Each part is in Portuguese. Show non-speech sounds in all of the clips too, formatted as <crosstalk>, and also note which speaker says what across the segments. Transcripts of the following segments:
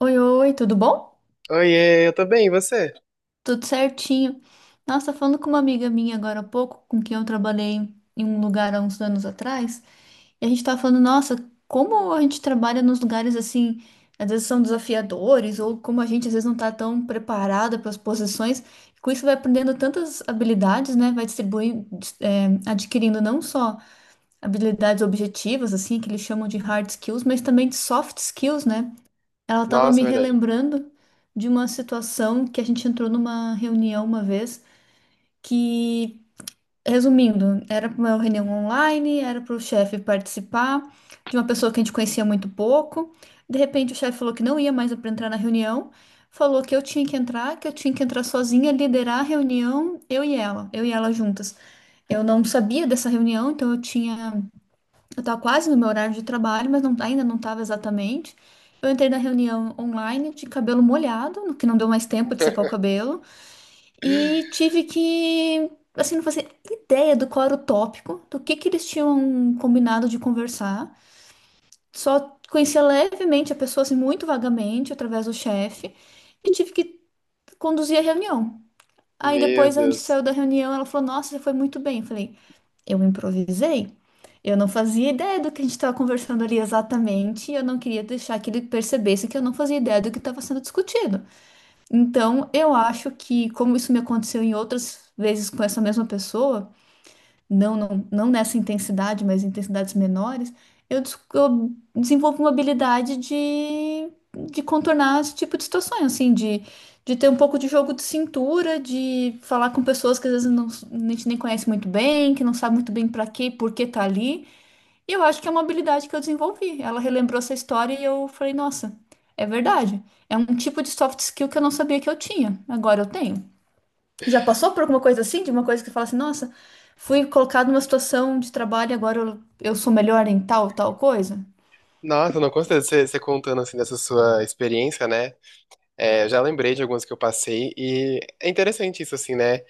Speaker 1: Oi, oi, tudo bom?
Speaker 2: Oiê, eu tô bem, e você?
Speaker 1: Tudo certinho. Nossa, falando com uma amiga minha agora há pouco, com quem eu trabalhei em um lugar há uns anos atrás, e a gente tava falando, nossa, como a gente trabalha nos lugares assim, às vezes são desafiadores, ou como a gente às vezes não tá tão preparada para as posições, e com isso vai aprendendo tantas habilidades, né? Vai distribuindo, adquirindo não só habilidades objetivas, assim, que eles chamam de hard skills, mas também de soft skills, né? Ela estava me
Speaker 2: Nossa, é verdade.
Speaker 1: relembrando de uma situação que a gente entrou numa reunião uma vez, que, resumindo, era uma reunião online, era para o chefe participar de uma pessoa que a gente conhecia muito pouco. De repente, o chefe falou que não ia mais para entrar na reunião, falou que eu tinha que entrar, que eu tinha que entrar sozinha, liderar a reunião, eu e ela juntas. Eu não sabia dessa reunião, então eu tinha eu estava quase no meu horário de trabalho, mas ainda não estava exatamente. Eu entrei na reunião online de cabelo molhado, no que não deu mais tempo de secar o
Speaker 2: <laughs>
Speaker 1: cabelo, e tive que, assim, não fazia ideia do qual era o tópico, do que eles tinham combinado de conversar. Só conhecia levemente a pessoa, assim, muito vagamente, através do chefe, e tive que conduzir a reunião. Aí
Speaker 2: Meu
Speaker 1: depois a gente
Speaker 2: Deus.
Speaker 1: saiu da reunião, ela falou: Nossa, você foi muito bem. Eu falei. Eu improvisei. Eu não fazia ideia do que a gente estava conversando ali exatamente, e eu não queria deixar que ele percebesse que eu não fazia ideia do que estava sendo discutido. Então, eu acho que, como isso me aconteceu em outras vezes com essa mesma pessoa, não, não, não nessa intensidade, mas em intensidades menores, eu, eu desenvolvo uma habilidade de contornar esse tipo de situações, assim, de ter um pouco de jogo de cintura, de falar com pessoas que às vezes não, a gente nem conhece muito bem, que não sabe muito bem para quê e por que tá ali. E eu acho que é uma habilidade que eu desenvolvi. Ela relembrou essa história e eu falei, nossa, é verdade. É um tipo de soft skill que eu não sabia que eu tinha. Agora eu tenho. Já passou por alguma coisa assim? De uma coisa que você fala assim, nossa, fui colocado numa situação de trabalho e agora eu sou melhor em tal, tal coisa?
Speaker 2: Nossa, não consigo você, contando assim dessa sua experiência, né? É, eu já lembrei de algumas que eu passei e é interessante isso, assim, né?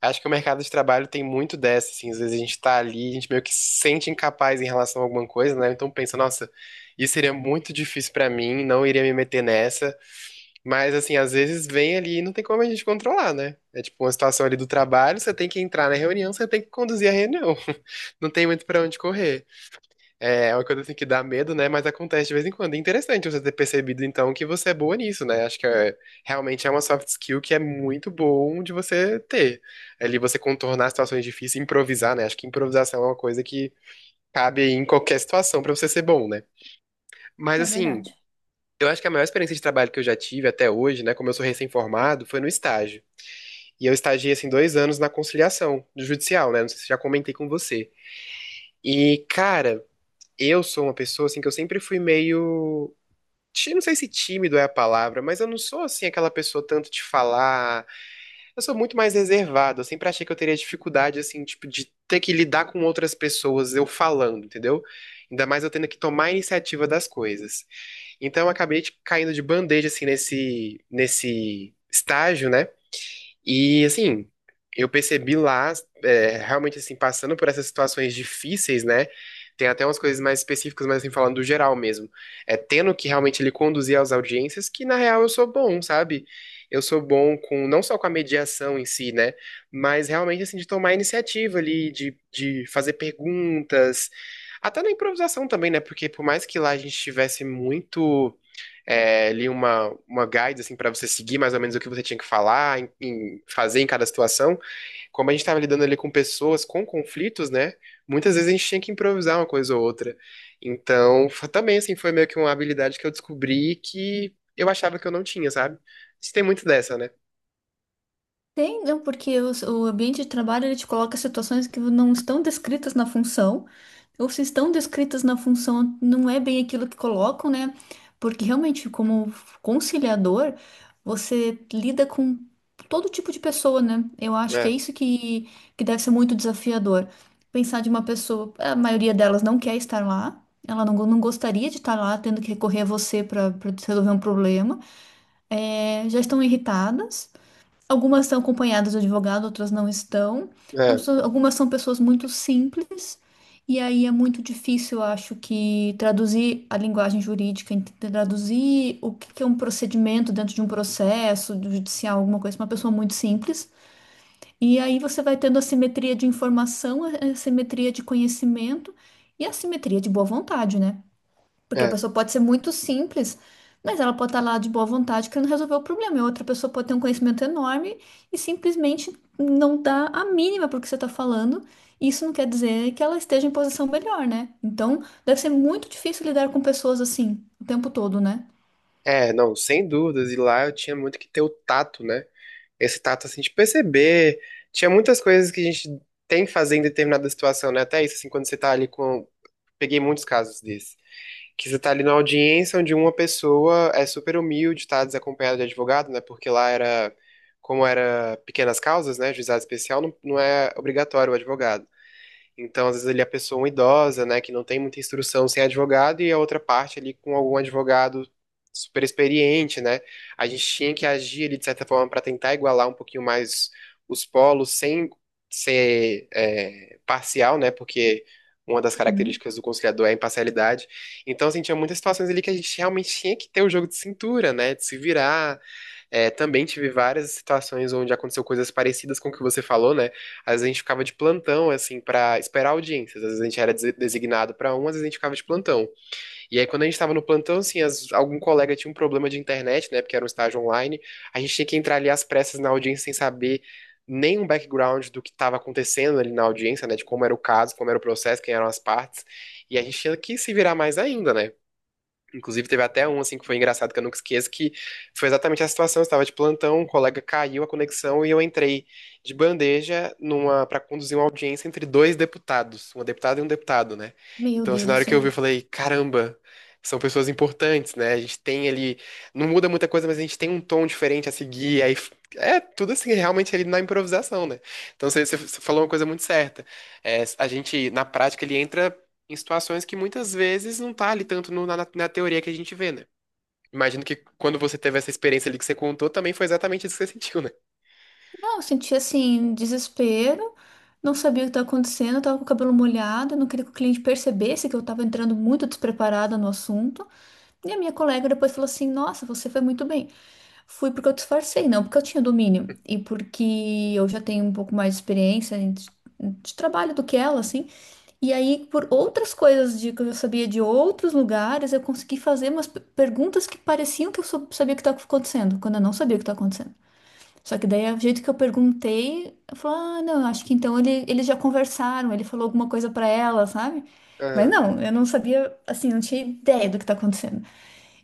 Speaker 2: Acho que o mercado de trabalho tem muito dessa, assim, às vezes a gente tá ali, a gente meio que se sente incapaz em relação a alguma coisa, né? Então pensa, nossa, isso seria muito difícil pra mim, não iria me meter nessa. Mas, assim, às vezes vem ali e não tem como a gente controlar, né? É tipo uma situação ali do trabalho, você tem que entrar na reunião, você tem que conduzir a reunião. <laughs> Não tem muito pra onde correr. É uma coisa assim que dá medo, né? Mas acontece de vez em quando. É interessante você ter percebido, então, que você é boa nisso, né? Realmente é uma soft skill que é muito bom de você ter. Ali você contornar situações difíceis, improvisar, né? Acho que improvisação é uma coisa que cabe aí em qualquer situação pra você ser bom, né? Mas,
Speaker 1: É
Speaker 2: assim.
Speaker 1: verdade.
Speaker 2: Eu acho que a maior experiência de trabalho que eu já tive até hoje, né, como eu sou recém-formado, foi no estágio. E eu estagiei, assim, dois anos na conciliação do judicial, né? Não sei se já comentei com você. E, cara, eu sou uma pessoa, assim, que eu sempre fui meio. Não sei se tímido é a palavra, mas eu não sou, assim, aquela pessoa tanto de falar. Eu sou muito mais reservado. Eu sempre achei que eu teria dificuldade, assim, tipo, de ter que lidar com outras pessoas eu falando, entendeu? Ainda mais eu tendo que tomar a iniciativa das coisas. Então eu acabei tipo, caindo de bandeja assim nesse estágio, né? E assim, eu percebi lá realmente assim passando por essas situações difíceis, né? Tem até umas coisas mais específicas, mas assim falando do geral mesmo. É tendo que realmente ele conduzir às audiências, que na real eu sou bom, sabe? Eu sou bom com não só com a mediação em si, né? Mas realmente assim de tomar iniciativa ali, de fazer perguntas, até na improvisação também, né? Porque por mais que lá a gente tivesse muito uma guide assim para você seguir mais ou menos o que você tinha que falar, em fazer em cada situação. Como a gente estava lidando ali com pessoas com conflitos, né? Muitas vezes a gente tinha que improvisar uma coisa ou outra. Então, também assim foi meio que uma habilidade que eu descobri que eu achava que eu não tinha, sabe? Isso tem muito dessa, né?
Speaker 1: Tem, não, porque o ambiente de trabalho ele te coloca situações que não estão descritas na função, ou se estão descritas na função, não é bem aquilo que colocam, né? Porque realmente, como conciliador, você lida com todo tipo de pessoa, né? Eu acho que é
Speaker 2: É,
Speaker 1: isso que deve ser muito desafiador. Pensar de uma pessoa, a maioria delas não quer estar lá, ela não, não gostaria de estar lá, tendo que recorrer a você para resolver um problema, já estão irritadas. Algumas estão acompanhadas de advogado, outras não estão.
Speaker 2: é,
Speaker 1: Algumas são pessoas muito simples, e aí é muito difícil, eu acho, que traduzir a linguagem jurídica, traduzir o que que é um procedimento dentro de um processo do judicial, alguma coisa, pra uma pessoa muito simples. E aí você vai tendo a simetria de informação, a assimetria de conhecimento e a simetria de boa vontade, né? Porque a
Speaker 2: é.
Speaker 1: pessoa pode ser muito simples, mas ela pode estar lá de boa vontade querendo resolver o problema. E outra pessoa pode ter um conhecimento enorme e simplesmente não dá a mínima para o que você está falando. Isso não quer dizer que ela esteja em posição melhor, né? Então, deve ser muito difícil lidar com pessoas assim o tempo todo, né?
Speaker 2: É, não, sem dúvidas. E lá eu tinha muito que ter o tato, né? Esse tato assim de perceber. Tinha muitas coisas que a gente tem que fazer em determinada situação, né? Até isso, assim, quando você tá ali com, peguei muitos casos desse. Que você tá ali na audiência onde uma pessoa é super humilde, tá desacompanhada de advogado, né? Porque lá era, como era pequenas causas, né? Juizado especial, não é obrigatório o advogado. Então, às vezes ali a pessoa é uma idosa, né, que não tem muita instrução sem advogado e a outra parte ali com algum advogado super experiente, né? A gente tinha que agir ali de certa forma para tentar igualar um pouquinho mais os polos sem ser parcial, né? Porque uma das
Speaker 1: Uhum.
Speaker 2: características do conciliador é a imparcialidade. Então, assim, tinha muitas situações ali que a gente realmente tinha que ter o jogo de cintura, né? De se virar, também tive várias situações onde aconteceu coisas parecidas com o que você falou, né? Às vezes a gente ficava de plantão, assim, pra esperar audiências. Às vezes a gente era designado pra um, às vezes a gente ficava de plantão. E aí, quando a gente tava no plantão, assim, algum colega tinha um problema de internet, né? Porque era um estágio online. A gente tinha que entrar ali às pressas na audiência sem saber nenhum background do que estava acontecendo ali na audiência, né? De como era o caso, como era o processo, quem eram as partes. E a gente tinha que se virar mais ainda, né? Inclusive, teve até um, assim, que foi engraçado, que eu nunca esqueço, que foi exatamente a situação. Eu estava de plantão, um colega caiu a conexão e eu entrei de bandeja numa para conduzir uma audiência entre dois deputados, uma deputada e um deputado, né?
Speaker 1: Meu
Speaker 2: Então, assim,
Speaker 1: Deus
Speaker 2: na
Speaker 1: do
Speaker 2: hora que eu vi,
Speaker 1: céu.
Speaker 2: eu falei, caramba, são pessoas importantes, né? A gente tem ali, não muda muita coisa, mas a gente tem um tom diferente a seguir, aí... É tudo assim, realmente ali na improvisação, né? Então você falou uma coisa muito certa. É, a gente, na prática, ele entra em situações que muitas vezes não tá ali tanto na teoria que a gente vê, né? Imagino que quando você teve essa experiência ali que você contou, também foi exatamente isso que você <laughs> sentiu, né?
Speaker 1: Não, eu senti assim, desespero, não sabia o que estava acontecendo, eu tava com o cabelo molhado, eu não queria que o cliente percebesse que eu estava entrando muito despreparada no assunto. E a minha colega depois falou assim: Nossa, você foi muito bem. Fui porque eu disfarcei, não porque eu tinha domínio. E porque eu já tenho um pouco mais de experiência de trabalho do que ela, assim. E aí, por outras coisas de, que eu já sabia de outros lugares, eu consegui fazer umas perguntas que pareciam que eu sabia o que estava acontecendo, quando eu não sabia o que estava acontecendo. Só que daí, o jeito que eu perguntei, eu falei, ah, não, acho que então ele, eles já conversaram, ele falou alguma coisa para ela, sabe? Mas
Speaker 2: Aham.
Speaker 1: não, eu não sabia, assim, não tinha ideia do que tá acontecendo.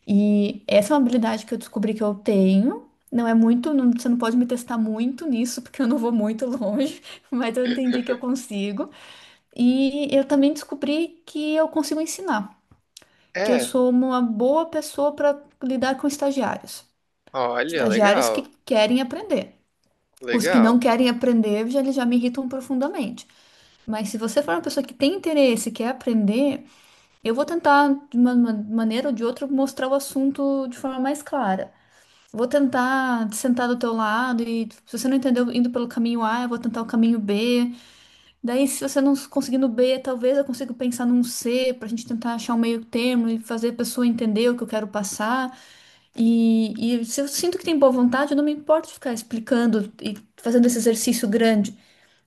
Speaker 1: E essa é uma habilidade que eu descobri que eu tenho. Não é muito, você não pode me testar muito nisso, porque eu não vou muito longe, <laughs> mas eu entendi que eu consigo. E eu também descobri que eu consigo ensinar, que eu
Speaker 2: É,
Speaker 1: sou uma boa pessoa para lidar com estagiários.
Speaker 2: olha,
Speaker 1: Estagiários que
Speaker 2: legal,
Speaker 1: querem aprender. Os que não
Speaker 2: legal.
Speaker 1: querem aprender, já, eles já me irritam profundamente. Mas se você for uma pessoa que tem interesse, quer aprender, eu vou tentar, de uma maneira ou de outra, mostrar o assunto de forma mais clara. Vou tentar sentar do teu lado e se você não entendeu indo pelo caminho A, eu vou tentar o caminho B. Daí, se você não conseguir no B, talvez eu consiga pensar num C pra gente tentar achar um meio termo e fazer a pessoa entender o que eu quero passar. E se eu sinto que tem boa vontade, eu não me importo de ficar explicando e fazendo esse exercício grande.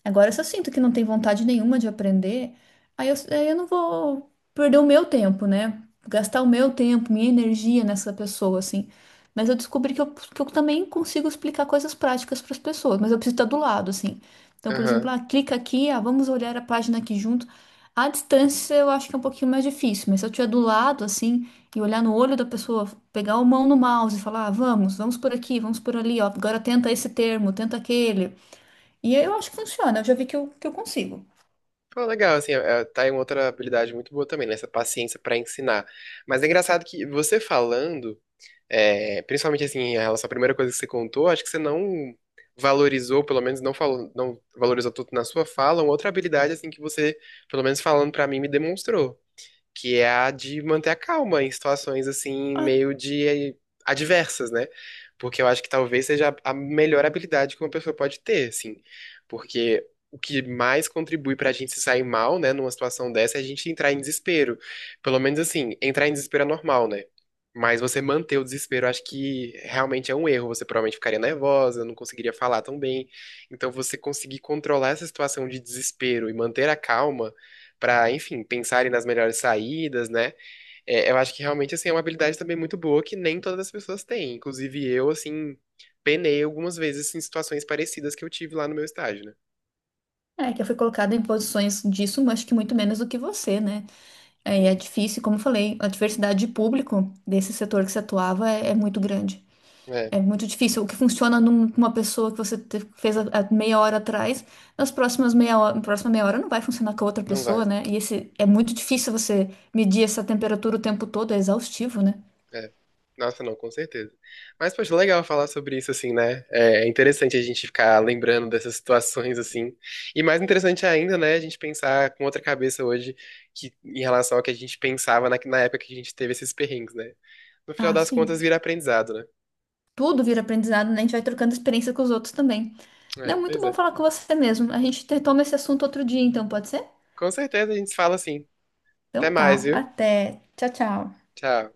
Speaker 1: Agora, se eu sinto que não tem vontade nenhuma de aprender, aí eu não vou perder o meu tempo, né? Gastar o meu tempo, minha energia nessa pessoa, assim. Mas eu descobri que que eu também consigo explicar coisas práticas para as pessoas, mas eu preciso estar do lado, assim. Então, por exemplo,
Speaker 2: Aham.
Speaker 1: ah, clica aqui, ah, vamos olhar a página aqui junto. À distância, eu acho que é um pouquinho mais difícil, mas se eu estiver do lado, assim, e olhar no olho da pessoa, pegar a mão no mouse e falar, ah, vamos, vamos por aqui, vamos por ali, ó, agora tenta esse termo, tenta aquele. E eu acho que funciona, eu já vi que eu consigo.
Speaker 2: Pô, legal, assim, é, tá aí uma outra habilidade muito boa também, né? Essa paciência pra ensinar. Mas é engraçado que você falando, é, principalmente assim, em relação à primeira coisa que você contou, acho que você não valorizou, pelo menos não falou, não valorizou tanto na sua fala, uma outra habilidade assim que você, pelo menos falando pra mim, me demonstrou. Que é a de manter a calma em situações assim
Speaker 1: Ah,
Speaker 2: meio de adversas, né? Porque eu acho que talvez seja a melhor habilidade que uma pessoa pode ter, assim. Porque o que mais contribui pra gente se sair mal, né, numa situação dessa, é a gente entrar em desespero. Pelo menos assim, entrar em desespero é normal, né? Mas você manter o desespero, eu acho que realmente é um erro. Você provavelmente ficaria nervosa, não conseguiria falar tão bem. Então, você conseguir controlar essa situação de desespero e manter a calma para, enfim, pensarem nas melhores saídas, né? É, eu acho que realmente, assim, é uma habilidade também muito boa que nem todas as pessoas têm. Inclusive eu, assim, penei algumas vezes em situações parecidas que eu tive lá no meu estágio, né?
Speaker 1: é, que eu fui colocada em posições disso, mas que muito menos do que você, né? É, e
Speaker 2: Hum,
Speaker 1: é difícil, como eu falei, a diversidade de público desse setor que você atuava é muito grande.
Speaker 2: é,
Speaker 1: É muito difícil. O que funciona numa pessoa que você fez há meia hora atrás, nas próximas meia hora, na próxima meia hora não vai funcionar com a outra
Speaker 2: não
Speaker 1: pessoa,
Speaker 2: vai.
Speaker 1: né? E esse, é muito difícil você medir essa temperatura o tempo todo, é exaustivo, né?
Speaker 2: É. Nossa, não, com certeza. Mas, poxa, legal falar sobre isso, assim, né? É interessante a gente ficar lembrando dessas situações, assim. E mais interessante ainda, né, a gente pensar com outra cabeça hoje que, em relação ao que a gente pensava na época que a gente teve esses perrengues, né? No final
Speaker 1: Ah,
Speaker 2: das contas,
Speaker 1: sim.
Speaker 2: vira aprendizado, né?
Speaker 1: Tudo vira aprendizado, né? A gente vai trocando experiência com os outros também.
Speaker 2: É,
Speaker 1: Não, muito
Speaker 2: pois
Speaker 1: bom
Speaker 2: é.
Speaker 1: falar com você mesmo. A gente retoma esse assunto outro dia, então, pode ser?
Speaker 2: Com certeza a gente se fala assim. Até
Speaker 1: Então
Speaker 2: mais,
Speaker 1: tá.
Speaker 2: viu?
Speaker 1: Até. Tchau, tchau.
Speaker 2: Tchau.